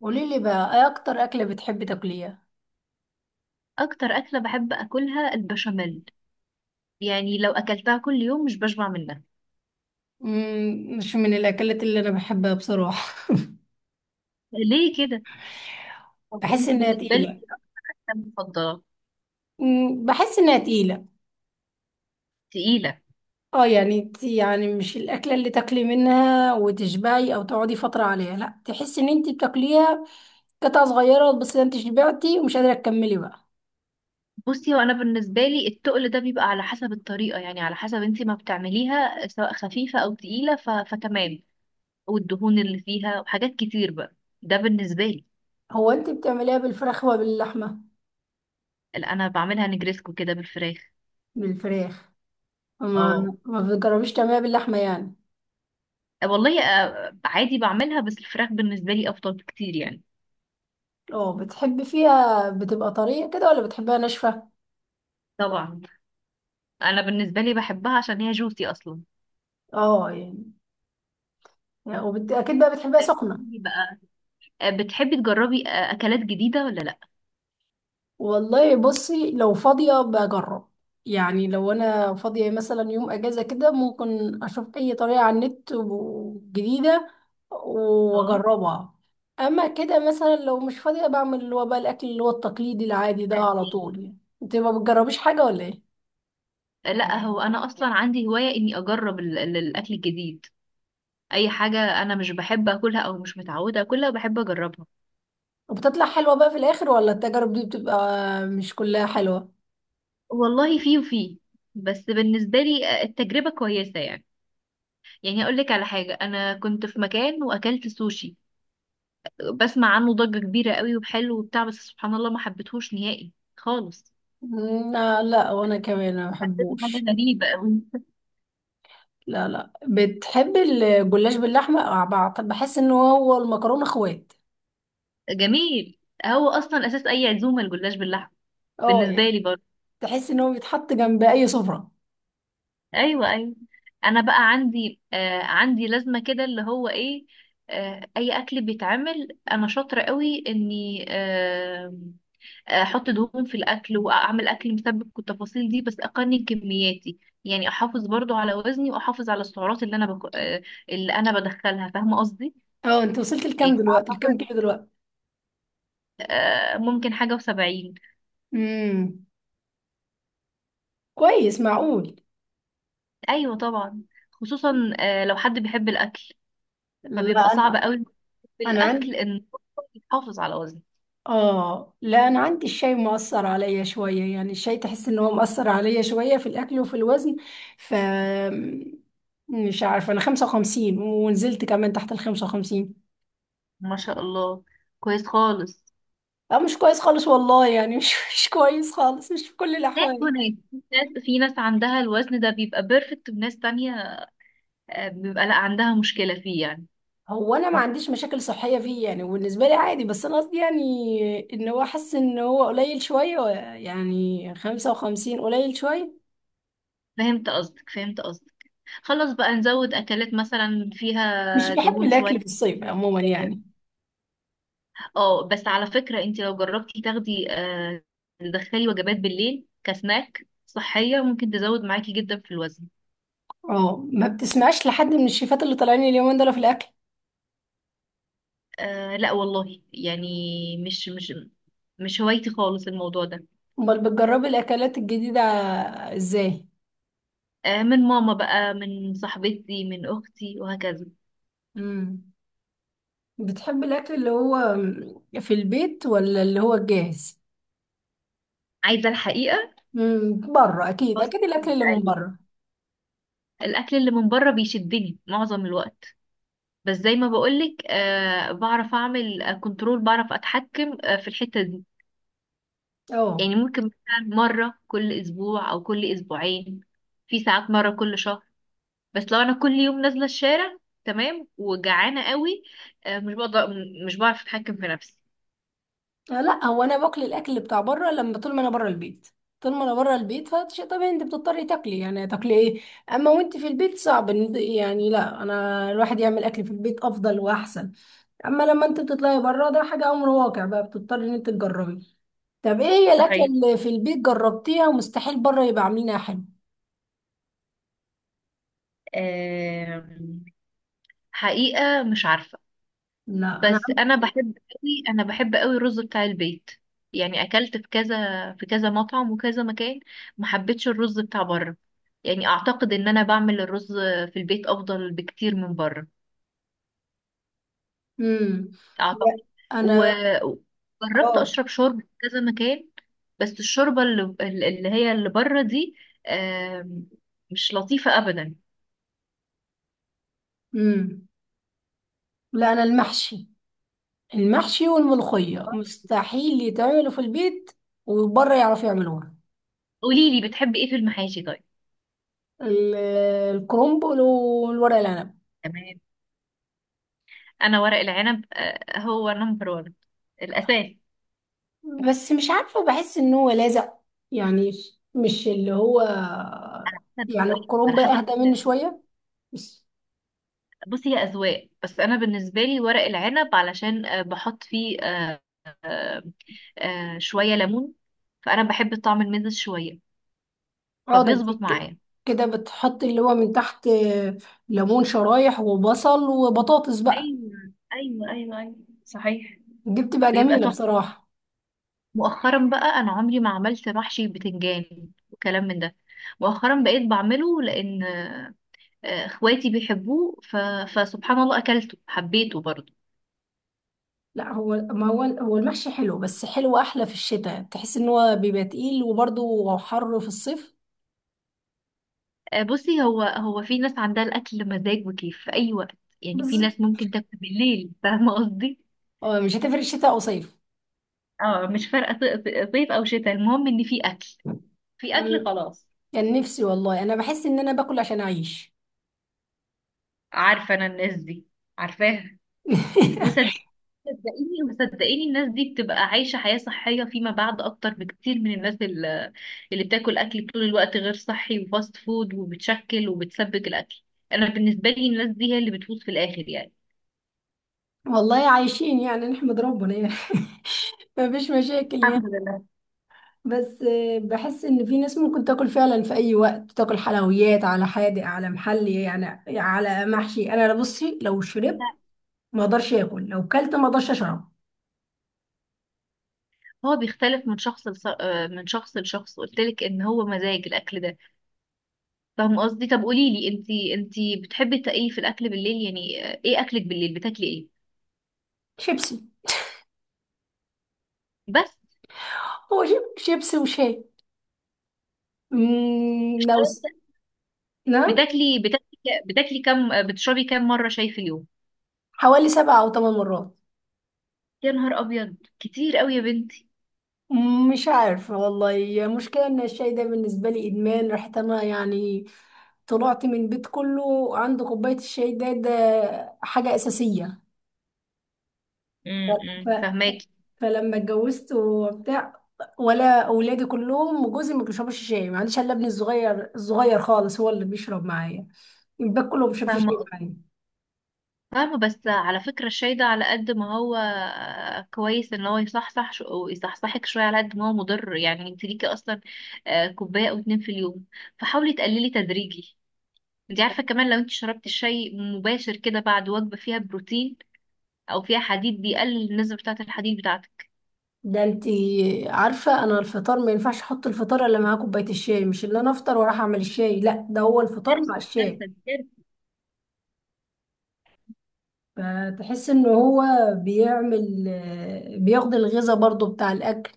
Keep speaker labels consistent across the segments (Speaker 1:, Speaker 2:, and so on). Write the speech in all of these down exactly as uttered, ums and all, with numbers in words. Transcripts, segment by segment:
Speaker 1: قولي لي بقى، ايه اكتر اكله بتحبي تاكليها؟
Speaker 2: اكتر اكله بحب اكلها البشاميل. يعني لو اكلتها كل يوم مش بشبع منها.
Speaker 1: مم، مش من الاكلات اللي انا بحبها بصراحه.
Speaker 2: ليه كده؟ طب
Speaker 1: بحس
Speaker 2: انت
Speaker 1: انها
Speaker 2: بالنسبه لك
Speaker 1: تقيله.
Speaker 2: إيه اكتر أكلة مفضله؟
Speaker 1: مم، بحس انها تقيله.
Speaker 2: تقيله.
Speaker 1: اه يعني انت- يعني مش الاكله اللي تاكلي منها وتشبعي او تقعدي فتره عليها، لا تحسي ان انت بتاكليها قطعه صغيره بس انت شبعتي ومش قادره تكملي بقى.
Speaker 2: بصي، وانا بالنسبه لي التقل ده بيبقى على حسب الطريقه، يعني على حسب انت ما بتعمليها، سواء خفيفه او تقيله، ف... فتمام. والدهون اللي فيها وحاجات كتير بقى، ده بالنسبه لي.
Speaker 1: هو انت بتعمليها بالفراخ ولا باللحمه؟
Speaker 2: اللي انا بعملها نجريسكو كده بالفراخ.
Speaker 1: بالفراخ. ما
Speaker 2: اه.
Speaker 1: ما بتجربيش تعمليها باللحمه يعني؟
Speaker 2: والله آه، عادي بعملها، بس الفراخ بالنسبه لي افضل بكتير يعني.
Speaker 1: اه، بتحبي فيها بتبقى طريه كده ولا بتحبيها ناشفه؟
Speaker 2: طبعا. انا بالنسبه لي بحبها عشان هي جوسي اصلا.
Speaker 1: اه يعني يعني وبت... اكيد بقى بتحبها
Speaker 2: آه، قولي
Speaker 1: سخنه.
Speaker 2: لي بقى. آه، بتحبي تجربي آه، اكلات جديده ولا لا؟
Speaker 1: والله بصي لو فاضيه بجرب. يعني لو انا فاضيه مثلا يوم اجازه كده ممكن اشوف اي طريقه على النت و- جديده،
Speaker 2: اه.
Speaker 1: واجربها. اما كده مثلا لو مش فاضيه بعمل اللي هو بقى الاكل اللي هو التقليدي العادي ده على طول. يعني انت ما بتجربيش حاجه ولا ايه؟
Speaker 2: آه، لا، هو انا اصلا عندي هوايه اني اجرب ال- ال- الاكل الجديد. اي حاجه انا مش بحب اكلها او مش متعوده اكلها بحب اجربها.
Speaker 1: وبتطلع حلوه بقى في الاخر ولا التجارب دي بتبقى مش كلها حلوه؟
Speaker 2: والله في وفي. بس بالنسبه لي آه، التجربه كويسه يعني. يعني اقول لك على حاجه، انا كنت في مكان واكلت سوشي. بسمع عنه ضجه كبيره قوي وحلو وبتاع، بس سبحان الله ما حبيتهوش نهائي خالص.
Speaker 1: لا لا، وانا كمان ما
Speaker 2: حسيته حاجه
Speaker 1: بحبوش.
Speaker 2: غريبه قوي.
Speaker 1: لا لا، بتحب الجلاش باللحمة، آه، بعت- بحس ان هو المكرونة اخوات.
Speaker 2: جميل. هو اصلا اساس اي عزومه الجلاش باللحمه.
Speaker 1: اه
Speaker 2: بالنسبه
Speaker 1: يعني.
Speaker 2: لي برضه.
Speaker 1: تحس ان هو بيتحط جنب اي سفرة.
Speaker 2: ايوه ايوه. انا بقى عندي آه عندي لازمه كده، اللي هو ايه، آه اي اكل بيتعمل انا شاطره قوي اني آه آه، احط دهون في الاكل واعمل اكل مسبك والتفاصيل دي، بس اقنن كمياتي. يعني احافظ برضو على وزني واحافظ على السعرات اللي انا بك... آه اللي انا بدخلها، فاهمه قصدي.
Speaker 1: اه، انت وصلت لكام
Speaker 2: يعني
Speaker 1: دلوقتي، لكام
Speaker 2: اعتقد
Speaker 1: كيلو دلوقتي؟
Speaker 2: آه ممكن حاجه وسبعين.
Speaker 1: امم، كويس، معقول.
Speaker 2: ايوه طبعا. خصوصا آه لو حد بيحب الاكل
Speaker 1: لا
Speaker 2: فبيبقى صعب
Speaker 1: انا.
Speaker 2: قوي
Speaker 1: انا
Speaker 2: بالأكل
Speaker 1: عندي.
Speaker 2: إن يحافظ على وزنه.
Speaker 1: اه لا، انا عندي الشاي مؤثر عليا شوية، يعني الشاي تحس ان هو مؤثر عليا شوية في الاكل وفي الوزن. ف مش عارفة، انا خمسة وخمسين ونزلت كمان تحت ال خمسة وخمسين.
Speaker 2: ما شاء الله. كويس خالص.
Speaker 1: اه مش كويس خالص والله، يعني مش مش كويس خالص، مش في كل
Speaker 2: لا،
Speaker 1: الاحوال.
Speaker 2: وناس، في ناس في ناس عندها الوزن ده بيبقى بيرفكت، وناس تانية آه، بيبقى لا عندها مشكلة فيه يعني.
Speaker 1: هو انا ما عنديش مشاكل صحيه فيه يعني، وبالنسبه لي عادي، بس انا قصدي يعني ان هو حاسس ان هو قليل شويه. يعني خمسة وخمسين قليل شويه.
Speaker 2: فهمت قصدك فهمت قصدك. خلاص بقى نزود أكلات مثلا
Speaker 1: مش
Speaker 2: فيها
Speaker 1: بحب
Speaker 2: دهون شوية.
Speaker 1: الاكل في الصيف عموما يعني.
Speaker 2: اه، بس على فكرة، انت لو جربتي تاخدي آه، تدخلي وجبات بالليل كسناك صحية ممكن تزود معاكي جدا في الوزن.
Speaker 1: اه ما بتسمعش لحد من الشيفات اللي طالعين اليومين دول في الاكل.
Speaker 2: آه لا والله يعني، مش مش مش هوايتي خالص الموضوع ده.
Speaker 1: امال بتجربي الاكلات الجديده ازاي؟
Speaker 2: آه، من ماما بقى، من صاحبتي، من اختي، وهكذا.
Speaker 1: امم. بتحبي الاكل اللي هو في البيت ولا اللي هو الجاهز؟
Speaker 2: عايزه الحقيقه.
Speaker 1: امم، بره اكيد،
Speaker 2: فاست
Speaker 1: اكيد الاكل
Speaker 2: فود
Speaker 1: اللي من
Speaker 2: ايوه.
Speaker 1: بره.
Speaker 2: الاكل اللي من بره بيشدني معظم الوقت. بس زي ما بقولك آه بعرف اعمل كنترول، بعرف اتحكم آه في الحته دي.
Speaker 1: اه.
Speaker 2: يعني ممكن مثلا مره كل اسبوع او كل اسبوعين، في ساعات مره كل شهر. بس لو انا كل يوم نازله الشارع تمام وجعانه قوي، آه مش بقدر، مش بعرف اتحكم في نفسي.
Speaker 1: آه، لا هو انا باكل الاكل بتاع بره لما طول ما انا بره البيت. طول ما انا بره البيت فشيء طبيعي انت بتضطري تاكلي، يعني تاكلي ايه. اما وانت في البيت صعب إن- يعني لا، انا الواحد يعمل اكل في البيت افضل واحسن. اما لما انت بتطلعي بره ده حاجه امر واقع بقى، بتضطري ان انت تجربي. طب ايه هي الاكله
Speaker 2: صحيح.
Speaker 1: اللي في البيت جربتيها ومستحيل بره يبقى عاملينها حلو؟
Speaker 2: آه. حقيقه مش عارفه.
Speaker 1: لا انا
Speaker 2: بس
Speaker 1: عم...
Speaker 2: انا بحب قوي، انا بحب قوي الرز بتاع البيت. يعني اكلت في كذا، في كذا مطعم وكذا مكان، ما حبيتش الرز بتاع بره. يعني اعتقد ان انا بعمل الرز في البيت افضل بكتير من بره.
Speaker 1: امم لا
Speaker 2: اعتقد.
Speaker 1: انا
Speaker 2: وجربت
Speaker 1: اه
Speaker 2: اشرب شوربه في كذا مكان، بس الشوربه اللي, اللي هي اللي بره دي آم، مش لطيفه ابدا.
Speaker 1: امم لا انا المحشي. المحشي والملوخية مستحيل يتعملوا في البيت، وبره يعرفوا يعملوها.
Speaker 2: قولي لي، بتحبي ايه في المحاشي طيب؟
Speaker 1: ال- الكرنب والورق العنب.
Speaker 2: تمام. انا ورق العنب آه، هو نمبر واحد، الاساس.
Speaker 1: بس مش عارفة، بحس ان هو لازق يعني. مش اللي هو
Speaker 2: احنا
Speaker 1: يعني.
Speaker 2: بالطريقه على
Speaker 1: الكرنب
Speaker 2: حسب.
Speaker 1: اهدى منه شوية. بس
Speaker 2: بصي، هي اذواق، بس انا بالنسبه لي ورق العنب علشان آه، بحط فيه آه، آه، شويه ليمون، فانا بحب طعم المزز شويه،
Speaker 1: اقعد
Speaker 2: فبيظبط
Speaker 1: أمسك
Speaker 2: معايا.
Speaker 1: كده بتحط اللي هو من تحت ليمون شرايح وبصل وبطاطس بقى.
Speaker 2: ايوه ايوه ايوه ايوه. صحيح.
Speaker 1: دي بتبقى
Speaker 2: بيبقى
Speaker 1: جميلة
Speaker 2: تحفه.
Speaker 1: بصراحة.
Speaker 2: مؤخرا بقى، انا عمري ما عملت محشي بتنجان وكلام من ده. مؤخرا بقيت بعمله لان آه، آه، اخواتي بيحبوه، ف... فسبحان الله اكلته حبيته برضه.
Speaker 1: لا هو، ما هو هو المحشي حلو، بس حلو احلى في الشتاء. تحس ان هو بيبقى تقيل، وبرضه حر في الصيف.
Speaker 2: آه، بصي، هو هو في ناس عندها الاكل مزاج وكيف في اي وقت. يعني في
Speaker 1: بس
Speaker 2: ناس ممكن تاكل بالليل، فاهمه قصدي.
Speaker 1: آه، مش هتفرق شتاء او صيف.
Speaker 2: اه مش فارقه، ص- ص- صيف او شتاء، المهم ان في اكل، في اكل
Speaker 1: مم.
Speaker 2: خلاص.
Speaker 1: كان نفسي والله، انا بحس ان انا باكل عشان اعيش.
Speaker 2: عارفه انا الناس دي، عارفاها. وصدقيني، صدقيني وصدقيني، الناس دي بتبقى عايشه حياه صحيه فيما بعد اكتر بكتير من الناس ال- اللي بتاكل اكل طول الوقت غير صحي وفاست فود، وبتشكل وبتسبك الاكل. انا بالنسبه لي الناس دي هي اللي بتفوز في الاخر يعني.
Speaker 1: والله عايشين يعني، نحمد ربنا يعني. مفيش مشاكل
Speaker 2: الحمد
Speaker 1: يعني.
Speaker 2: لله.
Speaker 1: بس آه، بحس ان في ناس ممكن تاكل فعلا في اي وقت، تاكل حلويات على حادق على محلي يعني، على محشي. انا بصي لو شربت ما اقدرش اكل، لو كلت ما اقدرش اشرب.
Speaker 2: هو بيختلف من شخص لص... آه، من شخص لشخص. قلت لك ان هو مزاج الاكل ده، فاهم قصدي؟ طب قولي لي، انتي انتي بتحبي تا- ايه في الاكل بالليل يعني، آه، ايه اكلك بالليل، بتاكلي ايه؟
Speaker 1: شيبسي.
Speaker 2: بس،
Speaker 1: هو جيب شيبسي وشاي. مم، لو س... نعم.
Speaker 2: بتاكلي بتاكلي بتاكلي كام، آه، بتشربي كام مره شاي في اليوم؟
Speaker 1: حوالي سبع أو ثمان مرات.
Speaker 2: يا نهار ابيض، كتير قوي يا بنتي.
Speaker 1: مم، مش عارفة والله، هي مشكلة إن الشاي ده بالنسبة لي إدمان. رحت أنا يعني، طلعت من بيت كله عنده كوباية الشاي. ده ده حاجة أساسية. ف...
Speaker 2: امم، فاهماكي.
Speaker 1: فلما اتجوزت وبتاع، ولا أولادي كلهم وجوزي ما بيشربوش شاي. ما عنديش إلا ابني الصغير، الصغير خالص هو اللي بيشرب معايا. الباقي كله ما بيشربش شاي
Speaker 2: فاهمه
Speaker 1: معايا.
Speaker 2: فاهمة. بس على فكرة الشاي ده، على قد ما هو آه، كويس ان هو يصحصح شو- ويصحصحك شوية، على قد ما هو مضر. يعني انت ليكي اصلا آه، كوباية او اتنين في اليوم، فحاولي تقللي تدريجي. انت عارفة كمان لو انت شربتي الشاي مباشر كده بعد وجبة فيها بروتين او فيها حديد، بيقلل النسبة بتاعة الحديد بتاعتك.
Speaker 1: ده انتي عارفة، انا الفطار ما ينفعش احط الفطار الا معاه كوباية الشاي. مش اللي انا افطر واروح اعمل الشاي، لا ده هو الفطار مع
Speaker 2: كارثة
Speaker 1: الشاي.
Speaker 2: كارثة كارثة.
Speaker 1: فتحس ان هو بيعمل آه، بياخد الغذاء برضو بتاع الاكل.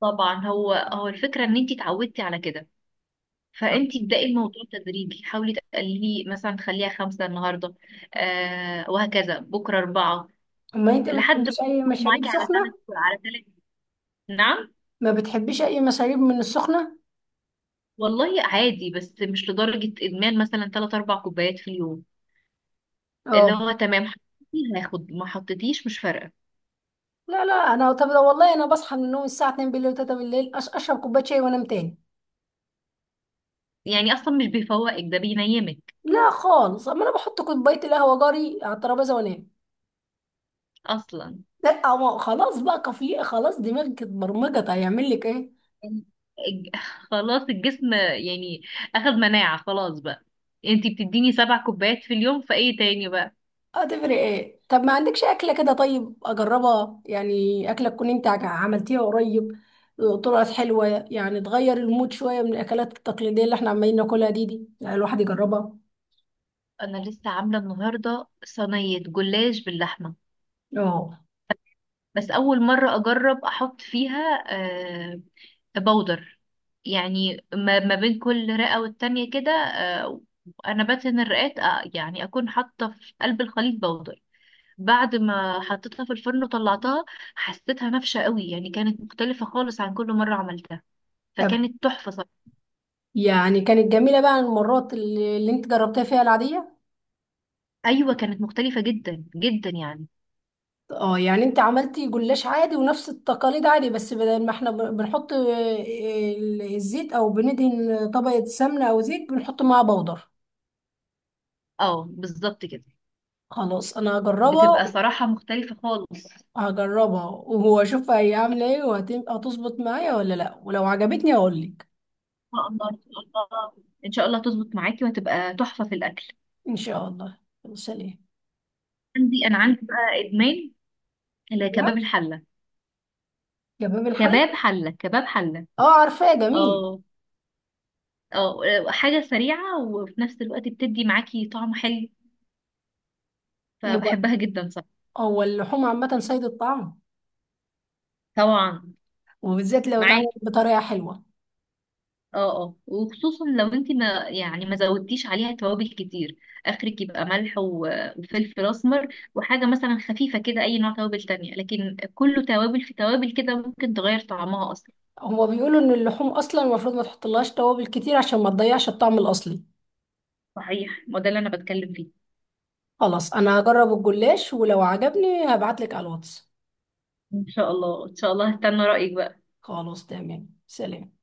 Speaker 2: طبعا، هو هو الفكرة ان انت اتعودتي على كده،
Speaker 1: طب
Speaker 2: فانت ابدأي الموضوع تدريجي. حاولي تقللي، مثلا خليها خمسة النهاردة آه وهكذا، بكرة أربعة،
Speaker 1: ما انت
Speaker 2: لحد ما
Speaker 1: بتحبيش اي مشاريب
Speaker 2: معاكي على سنة،
Speaker 1: سخنة؟
Speaker 2: على ثلاث. نعم.
Speaker 1: ما بتحبيش اي مشاريب من السخنة؟
Speaker 2: والله عادي، بس مش لدرجة إدمان، مثلا ثلاث أربع كوبايات في اليوم، اللي
Speaker 1: اه
Speaker 2: هو تمام حطيتي هاخد، ما حطيتيش مش فارقة
Speaker 1: لا لا انا. طب ده والله انا بصحى من النوم الساعة اتنين بالليل و3 بالليل، أش- اشرب كوباية شاي وانام تاني.
Speaker 2: يعني. أصلا مش بيفوقك، ده بينيمك
Speaker 1: لا خالص. اما انا بحط كوباية القهوة جاري على الترابيزة وانام.
Speaker 2: أصلا
Speaker 1: لا، هو خلاص بقى، كفي خلاص، دماغك اتبرمجت، هيعمل لك ايه؟
Speaker 2: يعني. الج- خلاص، الجسم يعني أخد مناعة خلاص بقى. انتي بتديني سبع كوبايات في اليوم، فايه تاني بقى؟
Speaker 1: هتفرق ايه؟ طب ما عندكش اكله كده طيب اجربها؟ يعني اكله تكون انت عج- عملتيها قريب، طلعت حلوه. يعني تغير المود شويه من الاكلات التقليديه اللي احنا عمالين ناكلها دي، دي يعني الواحد يجربها.
Speaker 2: انا لسه عامله النهارده صينيه جلاش باللحمه،
Speaker 1: اه.
Speaker 2: بس اول مره اجرب احط فيها آه، بودر. يعني ما ما بين كل رئه والتانية كده، آه، انا بدهن الرئات، آه، يعني اكون حاطه في قلب الخليط بودر. بعد ما حطيتها في الفرن وطلعتها حسيتها نافشه قوي، يعني كانت مختلفه خالص عن كل مره عملتها،
Speaker 1: طب
Speaker 2: فكانت تحفه صراحه.
Speaker 1: يعني كانت جميله بقى المرات اللي, اللي انت جربتها فيها العاديه؟
Speaker 2: ايوه كانت مختلفه جدا جدا يعني.
Speaker 1: اه يعني انت عملتي جلاش عادي ونفس التقاليد عادي، بس بدل ما احنا ب- بنحط آه، ال- الزيت، او بندهن طبقة سمنة او زيت، بنحط معاها بودر.
Speaker 2: اه بالظبط كده.
Speaker 1: خلاص، انا هجربها.
Speaker 2: بتبقى صراحه مختلفه خالص. ان
Speaker 1: هجربها وهو اشوفها هي عاملة ايه، وهتظبط معايا ولا لا، ولو عجبتني هقول لك.
Speaker 2: شاء الله ان شاء الله. ان شاء الله تظبط معاكي وهتبقى تحفه في الاكل.
Speaker 1: ان شاء الله. يلا، سلام.
Speaker 2: عندي، انا عندي بقى ادمان
Speaker 1: لا،
Speaker 2: الكباب الحله.
Speaker 1: كباب الحلة.
Speaker 2: كباب حله كباب حله.
Speaker 1: اه عارفاه، جميل.
Speaker 2: اه. اه، حاجه سريعه وفي نفس الوقت بتدي معاكي طعم حلو،
Speaker 1: هو
Speaker 2: فبحبها جدا. صح.
Speaker 1: هو اللحوم عامة سيد الطعام،
Speaker 2: طبعا.
Speaker 1: وبالذات لو اتعملت
Speaker 2: معاكي.
Speaker 1: بطريقة حلوة.
Speaker 2: اه اه، وخصوصا لو انت ما يعني ما زودتيش عليها توابل كتير. اخرك يبقى ملح و- وفلفل اسمر وحاجه مثلا خفيفه كده. اي نوع توابل تانية، لكن كله توابل في توابل كده، ممكن تغير طعمها اصلا.
Speaker 1: هما بيقولوا ان اللحوم اصلا المفروض ما تحطلهاش توابل كتير عشان ما تضيعش الطعم الاصلي.
Speaker 2: صحيح، ما ده اللي انا بتكلم فيه.
Speaker 1: خلاص انا هجرب الجلاش، ولو عجبني هبعتلك على الواتس.
Speaker 2: ان شاء الله، ان شا الله هستنى رايك بقى.
Speaker 1: خلاص تمام، سلام.